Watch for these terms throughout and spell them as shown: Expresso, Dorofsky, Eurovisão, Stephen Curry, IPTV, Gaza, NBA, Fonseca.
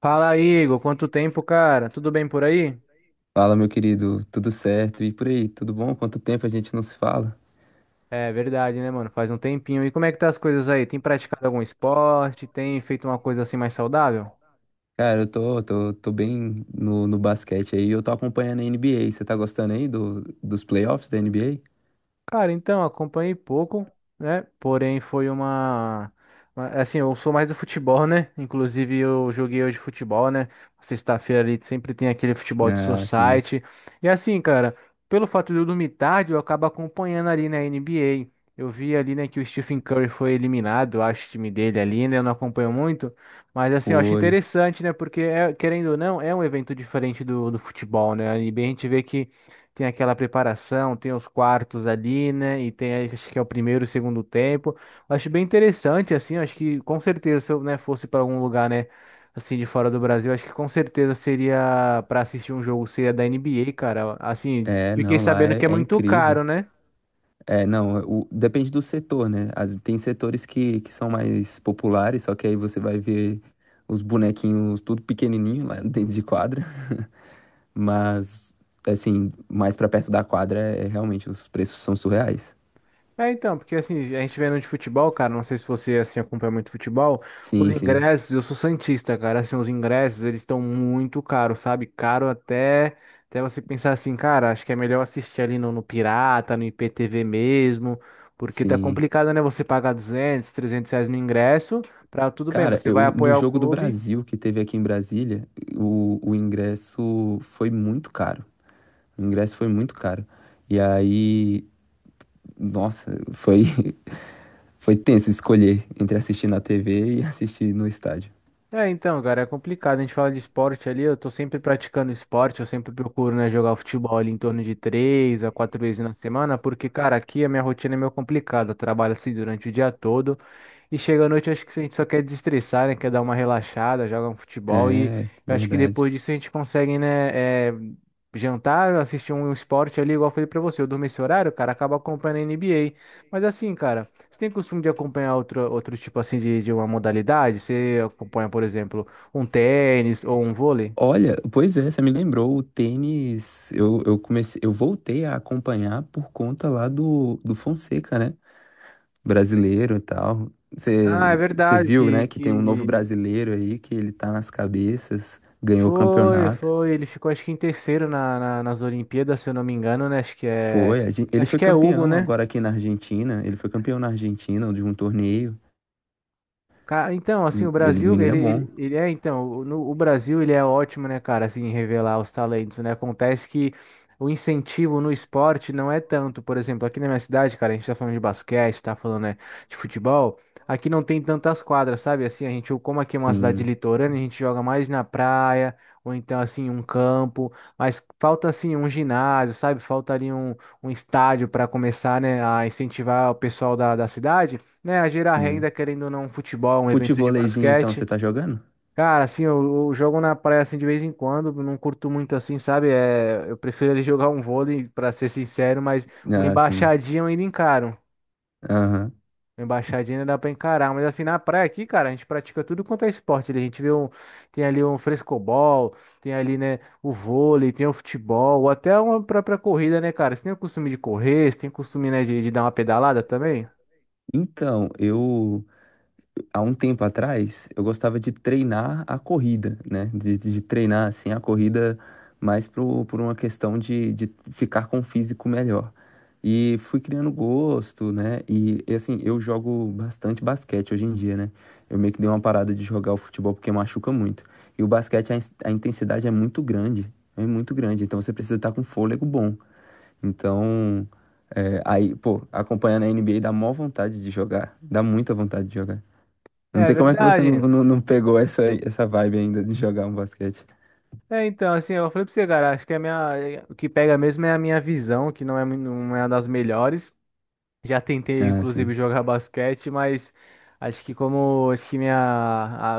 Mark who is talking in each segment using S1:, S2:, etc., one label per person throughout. S1: Fala, Igor. Quanto tempo, cara? Tudo bem por aí?
S2: Fala, meu querido, tudo certo? E por aí, tudo bom? Quanto tempo a gente não se fala?
S1: É verdade, né, mano? Faz um tempinho. E como é que tá as coisas aí? Tem praticado algum esporte? Tem feito uma coisa assim mais saudável?
S2: Cara, eu tô bem no basquete aí, eu tô acompanhando a NBA. Você tá gostando aí do, dos playoffs da NBA?
S1: Cara, então, acompanhei pouco, né? Porém, foi uma. Assim, eu sou mais do futebol, né? Inclusive, eu joguei hoje futebol, né? Sexta-feira ali sempre tem aquele futebol de
S2: Ah, sim.
S1: society. E assim, cara, pelo fato de eu dormir tarde, eu acabo acompanhando ali na NBA. Eu vi ali, né, que o Stephen Curry foi eliminado, eu acho o time dele ali, né? Eu não acompanho muito. Mas assim, eu acho
S2: Oi.
S1: interessante, né? Porque, querendo ou não, é um evento diferente do futebol, né? A NBA a gente vê que tem aquela preparação, tem os quartos ali, né? E tem, aí, acho que é o primeiro e segundo tempo. Eu acho bem interessante, assim, eu acho que com certeza se eu, né, fosse para algum lugar, né, assim, de fora do Brasil, acho que com certeza seria para assistir um jogo, seria da NBA, cara. Assim,
S2: É,
S1: fiquei
S2: não, lá
S1: sabendo
S2: é,
S1: que é
S2: é
S1: muito
S2: incrível.
S1: caro, né?
S2: É, não, o- Depende do setor, né? Tem setores que são mais populares, só que aí você vai ver os bonequinhos tudo pequenininho lá dentro de quadra. Mas, assim, mais pra perto da quadra, é realmente, os preços são surreais.
S1: É, então, porque assim, a gente vendo de futebol, cara, não sei se você assim acompanha muito futebol, os
S2: Sim, sim,
S1: ingressos, eu sou santista, cara, assim, os ingressos, eles estão muito caros, sabe? Caro até até você pensar assim, cara, acho que é melhor assistir ali no Pirata, no IPTV mesmo, porque tá
S2: sim.
S1: complicado, né, você pagar 200, 300 reais no ingresso, pra tudo bem,
S2: Cara,
S1: você vai
S2: eu, no
S1: apoiar o
S2: jogo do
S1: clube.
S2: Brasil, que teve aqui em Brasília, o ingresso foi muito caro. O ingresso foi muito caro. E aí, nossa, foi, foi tenso escolher entre assistir na TV e assistir no estádio.
S1: É, então, cara, é complicado. A gente fala de esporte ali, eu tô sempre praticando esporte, eu sempre procuro, né, jogar futebol ali em torno de três a quatro vezes na semana, porque, cara, aqui a minha rotina é meio complicada. Eu trabalho assim durante o dia todo e chega à noite, acho que a gente só quer desestressar, né, quer dar uma relaxada, joga um futebol e
S2: É,
S1: eu acho que
S2: verdade.
S1: depois disso a gente consegue, né, jantar, assistir um esporte ali, igual eu falei pra você. Eu durmo esse horário, cara, acaba acompanhando a NBA. Mas assim, cara. Você tem costume de acompanhar outro, outro tipo assim de uma modalidade? Você acompanha, por exemplo, um tênis ou um vôlei?
S2: Olha, pois é, você me lembrou, o tênis, eu comecei, eu voltei a acompanhar por conta lá do Fonseca, né? Brasileiro e tal.
S1: Ah, é
S2: Você
S1: verdade
S2: viu, né, que tem
S1: que
S2: um novo brasileiro aí, que ele tá nas cabeças, ganhou o
S1: foi,
S2: campeonato.
S1: foi. Ele ficou acho que em terceiro na, nas Olimpíadas, se eu não me engano, né?
S2: Foi, ele
S1: Acho
S2: foi
S1: que é Hugo,
S2: campeão
S1: né?
S2: agora aqui na Argentina, ele foi campeão na Argentina de um torneio.
S1: Então, assim, o
S2: Ele,
S1: Brasil,
S2: menino
S1: ele,
S2: é bom,
S1: ele, ele é, então, o- no, o Brasil, ele é ótimo, né, cara, assim, em revelar os talentos, né? Acontece que o incentivo no esporte não é tanto. Por exemplo, aqui na minha cidade, cara, a gente tá falando de basquete, tá falando, né, de futebol. Aqui não tem tantas quadras, sabe? Assim, a gente, como aqui é uma cidade
S2: sim,
S1: litorânea, a gente joga mais na praia, ou então, assim, um campo. Mas falta, assim, um ginásio, sabe? Falta ali um, um estádio para começar, né, a incentivar o pessoal da cidade, né, a gerar
S2: sim.
S1: renda, querendo ou não, um futebol, um evento de
S2: Futevoleizinho, então, você
S1: basquete.
S2: tá jogando?
S1: Cara, assim, eu jogo na praia assim de vez em quando, não curto muito assim, sabe? É, eu prefiro ele jogar um vôlei, pra ser sincero, mas uma
S2: Ah, sim.
S1: embaixadinha eu ainda encaro.
S2: Aham.
S1: Uma embaixadinha ainda dá pra encarar, mas assim, na praia aqui, cara, a gente pratica tudo quanto é esporte ali. A gente vê um, tem ali um frescobol, tem ali, né, o vôlei, tem o futebol, ou até uma própria corrida, né, cara? Você tem o costume de correr, você tem o costume, né, de dar uma pedalada também?
S2: Então, eu há um tempo atrás, eu gostava de treinar a corrida, né? De treinar, assim, a corrida por uma questão de ficar com o físico melhor. E fui criando gosto, né? Assim, eu jogo bastante basquete hoje em dia, né? Eu meio que dei uma parada de jogar o futebol porque machuca muito. E o basquete, a intensidade é muito grande. É muito grande. Então você precisa estar com fôlego bom. Então, é, aí, pô, acompanhando a NBA dá mó vontade de jogar. Dá muita vontade de jogar. Não
S1: É
S2: sei como é que você não,
S1: verdade.
S2: não, não pegou essa vibe ainda de jogar um basquete.
S1: É, então, assim, eu falei pra você, cara, acho que a minha, o que pega mesmo é a minha visão, que não é, não é uma das melhores. Já tentei,
S2: Ah,
S1: inclusive,
S2: sim.
S1: jogar basquete, mas acho que como acho que minha,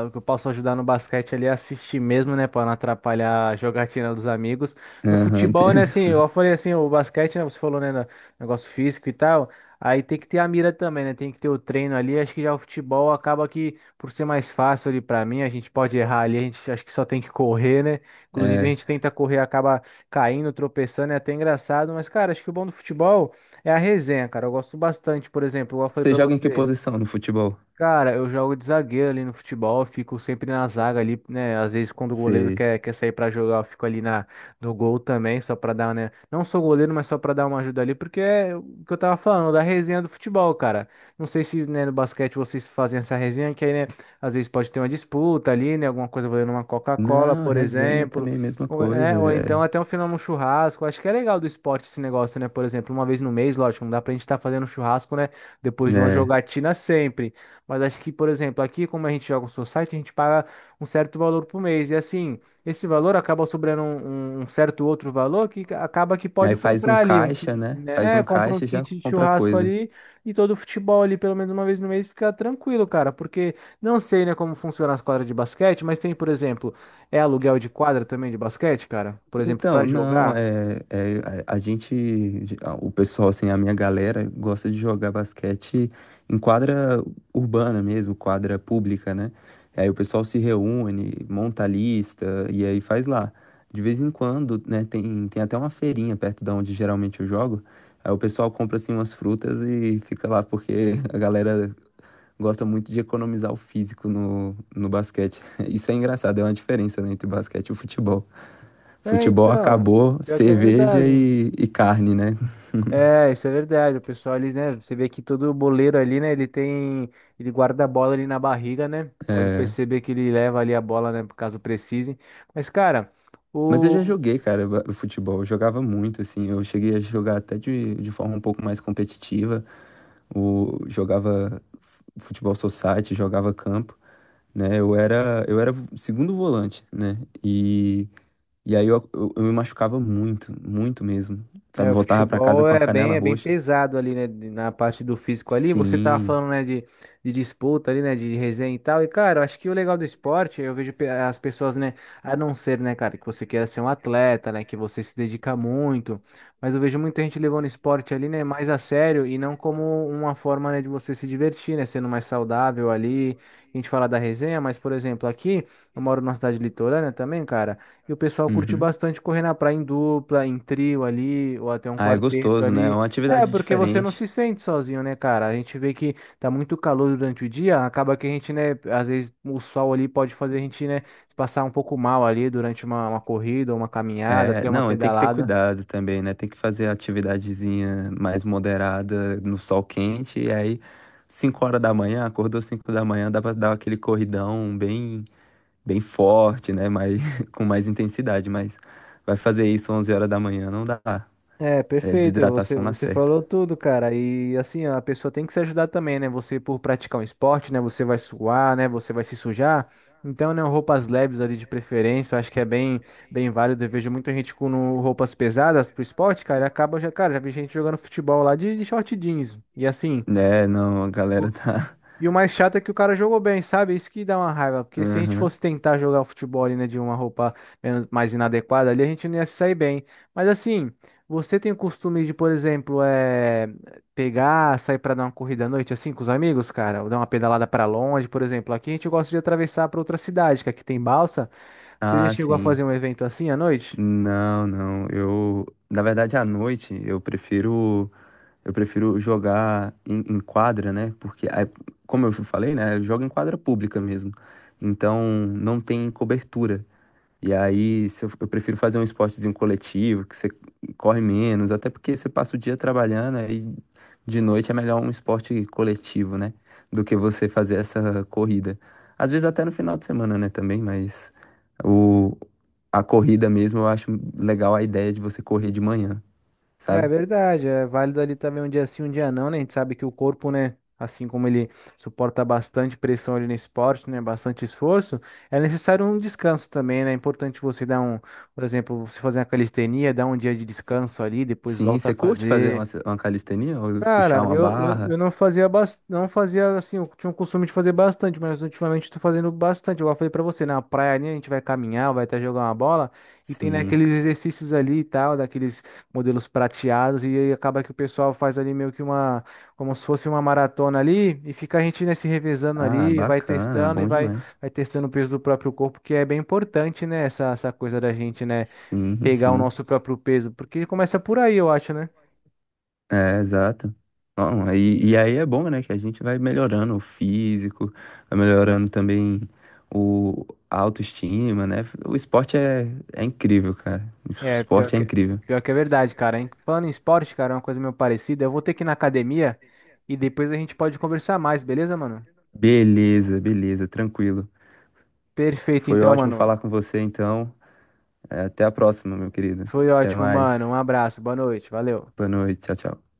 S1: o que eu posso ajudar no basquete ali é assistir mesmo, né? Para não atrapalhar a jogatina dos amigos. No
S2: Aham,
S1: futebol, né,
S2: entendo.
S1: assim, eu falei assim, o basquete, né? Você falou, né, negócio físico e tal. Aí tem que ter a mira também, né? Tem que ter o treino ali. Acho que já o futebol acaba que, por ser mais fácil ali para mim, a gente pode errar ali, a gente acho que só tem que correr, né? Inclusive, a
S2: É,
S1: gente tenta correr, acaba caindo, tropeçando, é até engraçado. Mas, cara, acho que o bom do futebol. É a resenha, cara. Eu gosto bastante, por exemplo, igual eu falei
S2: você
S1: pra
S2: joga em que
S1: você.
S2: posição no futebol?
S1: Cara, eu jogo de zagueiro ali no futebol, fico sempre na zaga ali, né? Às vezes quando o goleiro
S2: Você.
S1: quer sair pra jogar, eu fico ali na, no gol também, só pra dar, né? Não sou goleiro, mas só pra dar uma ajuda ali, porque é o que eu tava falando, da resenha do futebol, cara. Não sei se, né, no basquete vocês fazem essa resenha, que aí, né, às vezes pode ter uma disputa ali, né? Alguma coisa valendo uma Coca-Cola,
S2: Não,
S1: por
S2: resenha
S1: exemplo.
S2: também, é mesma
S1: Ou,
S2: coisa.
S1: ou então até um final um churrasco. Acho que é legal do esporte esse negócio, né? Por exemplo, uma vez no mês, lógico, não dá pra gente estar fazendo churrasco, né?
S2: É,
S1: Depois de uma
S2: né?
S1: jogatina sempre. Mas acho que, por exemplo, aqui, como a gente joga um society, a gente paga um certo valor por mês. E assim, esse valor acaba sobrando um, um certo outro valor acaba que pode
S2: Aí faz um
S1: comprar ali um
S2: caixa,
S1: kit,
S2: né? Faz
S1: né? É,
S2: um
S1: compra um
S2: caixa e já
S1: kit de
S2: compra
S1: churrasco
S2: coisa.
S1: ali e todo o futebol ali, pelo menos uma vez no mês, fica tranquilo, cara. Porque não sei, né, como funciona as quadras de basquete, mas tem, por exemplo, aluguel de quadra também de basquete, cara? Por exemplo, pra
S2: Então, não,
S1: jogar?
S2: é, é a gente, o pessoal, assim, a minha galera gosta de jogar basquete em quadra urbana mesmo, quadra pública, né? Aí o pessoal se reúne, monta a lista e aí faz lá. De vez em quando, né, tem até uma feirinha perto da onde geralmente eu jogo. Aí o pessoal compra, assim, umas frutas e fica lá, porque a galera gosta muito de economizar o físico no basquete. Isso é engraçado, é uma diferença, né, entre basquete e o futebol.
S1: É,
S2: Futebol
S1: então.
S2: acabou,
S1: Pior que é
S2: cerveja
S1: verdade.
S2: e carne, né?
S1: É, isso é verdade. O pessoal ali, né? Você vê que todo boleiro ali, né? Ele tem. Ele guarda a bola ali na barriga, né? Pode
S2: É,
S1: perceber que ele leva ali a bola, né? Caso precise. Mas, cara,
S2: mas eu já
S1: o,
S2: joguei, cara, futebol. Eu jogava muito, assim. Eu cheguei a jogar até de forma um pouco mais competitiva. O, jogava futebol society, jogava campo, né? Eu era segundo volante, né? E, e aí eu me machucava muito, muito mesmo. Sabe,
S1: É, o
S2: voltava pra casa
S1: futebol
S2: com a canela
S1: é bem
S2: roxa.
S1: pesado ali, né? Na parte do físico ali. Você tava
S2: Sim.
S1: falando, né, de disputa ali, né? De resenha e tal. E, cara, eu acho que o legal do esporte, eu vejo as pessoas, né? A não ser, né, cara, que você queira ser um atleta, né? Que você se dedica muito. Mas eu vejo muita gente levando o esporte ali, né? Mais a sério e não como uma forma, né, de você se divertir, né? Sendo mais saudável ali. A gente fala da resenha, mas, por exemplo, aqui, eu moro numa cidade litorânea também, cara. E o pessoal curte
S2: Uhum.
S1: bastante correr na praia em dupla, em trio ali, ou até um
S2: Ah, é
S1: quarteto
S2: gostoso, né? É
S1: ali.
S2: uma
S1: É,
S2: atividade
S1: porque você não
S2: diferente.
S1: se sente sozinho, né, cara? A gente vê que tá muito calor durante o dia, acaba que a gente, né, às vezes o sol ali pode fazer a gente, né, passar um pouco mal ali durante uma corrida, uma caminhada,
S2: É,
S1: até uma
S2: não, e tem que ter
S1: pedalada.
S2: cuidado também, né? Tem que fazer a atividadezinha mais moderada no sol quente, e aí 5 horas da manhã, acordou 5 da manhã, dá pra dar aquele corridão bem, bem forte, né? Mas, com mais intensidade, mas vai fazer isso 11 horas da manhã, não dá.
S1: É,
S2: É
S1: perfeito.
S2: desidratação na
S1: Você
S2: certa.
S1: falou tudo, cara. E assim, a pessoa tem que se ajudar também, né? Você, por praticar um esporte, né? Você vai suar, né? Você vai se sujar. Então, né? Roupas leves ali de preferência, eu acho que é bem, bem válido. Eu vejo muita gente com roupas pesadas pro esporte, cara. E acaba já, cara, já vi gente jogando futebol lá de short jeans. E assim.
S2: É, não, a galera tá.
S1: E o mais chato é que o cara jogou bem, sabe? Isso que dá uma raiva. Porque se a gente
S2: Aham.
S1: fosse tentar jogar o futebol ali, né, de uma roupa mais inadequada ali, a gente não ia se sair bem. Mas assim, você tem o costume de, por exemplo, pegar, sair pra dar uma corrida à noite, assim, com os amigos, cara? Ou dar uma pedalada pra longe, por exemplo. Aqui a gente gosta de atravessar pra outra cidade, que aqui tem balsa. Você já
S2: Ah,
S1: chegou a
S2: sim.
S1: fazer um evento assim à noite?
S2: Não, não. Na verdade, à noite eu prefiro. Eu prefiro jogar em quadra, né? Porque, aí, como eu falei, né? Eu jogo em quadra pública mesmo. Então, não tem cobertura. E aí, se eu, eu prefiro fazer um esportezinho coletivo, que você corre menos, até porque você passa o dia trabalhando, aí de noite é melhor um esporte coletivo, né? Do que você fazer essa corrida. Às vezes até no final de semana, né, também, mas o, a corrida mesmo eu acho legal a ideia de você correr de manhã,
S1: É
S2: sabe?
S1: verdade, é válido ali também um dia sim, um dia não, né? A gente sabe que o corpo, né, assim como ele suporta bastante pressão ali no esporte, né, bastante esforço, é necessário um descanso também, né? É importante você dar um, por exemplo, você fazer uma calistenia, dar um dia de descanso ali, depois
S2: Sim,
S1: volta a
S2: você curte fazer
S1: fazer.
S2: uma calistenia ou
S1: Cara,
S2: puxar uma barra?
S1: eu não fazia não fazia assim, eu tinha o costume de fazer bastante, mas ultimamente eu tô fazendo bastante. Igual eu falei pra você, na praia ali a gente vai caminhar, vai até jogar uma bola, e tem né,
S2: Sim.
S1: aqueles exercícios ali e tal, daqueles modelos prateados, e aí acaba que o pessoal faz ali meio que uma, como se fosse uma maratona ali, e fica a gente né, se revezando
S2: Ah,
S1: ali, vai
S2: bacana,
S1: testando e
S2: bom
S1: vai,
S2: demais.
S1: vai testando o peso do próprio corpo, que é bem importante, né, essa coisa da gente, né,
S2: Sim,
S1: pegar o
S2: sim.
S1: nosso próprio peso, porque começa por aí, eu acho, né?
S2: É, exato. Bom, e aí é bom, né, que a gente vai melhorando o físico, vai melhorando também o a autoestima, né? O esporte é incrível, cara. O
S1: É,
S2: esporte é incrível.
S1: pior que é verdade, cara. Hein? Falando em esporte, cara, é uma coisa meio parecida. Eu vou ter que ir na academia e depois a gente pode conversar mais, beleza, mano?
S2: Beleza, beleza, tranquilo.
S1: Perfeito,
S2: Foi
S1: então,
S2: ótimo
S1: mano.
S2: falar com você, então. É, até a próxima, meu querido.
S1: Foi
S2: Até
S1: ótimo, mano. Um
S2: mais.
S1: abraço, boa noite, valeu.
S2: Boa noite, tchau, tchau.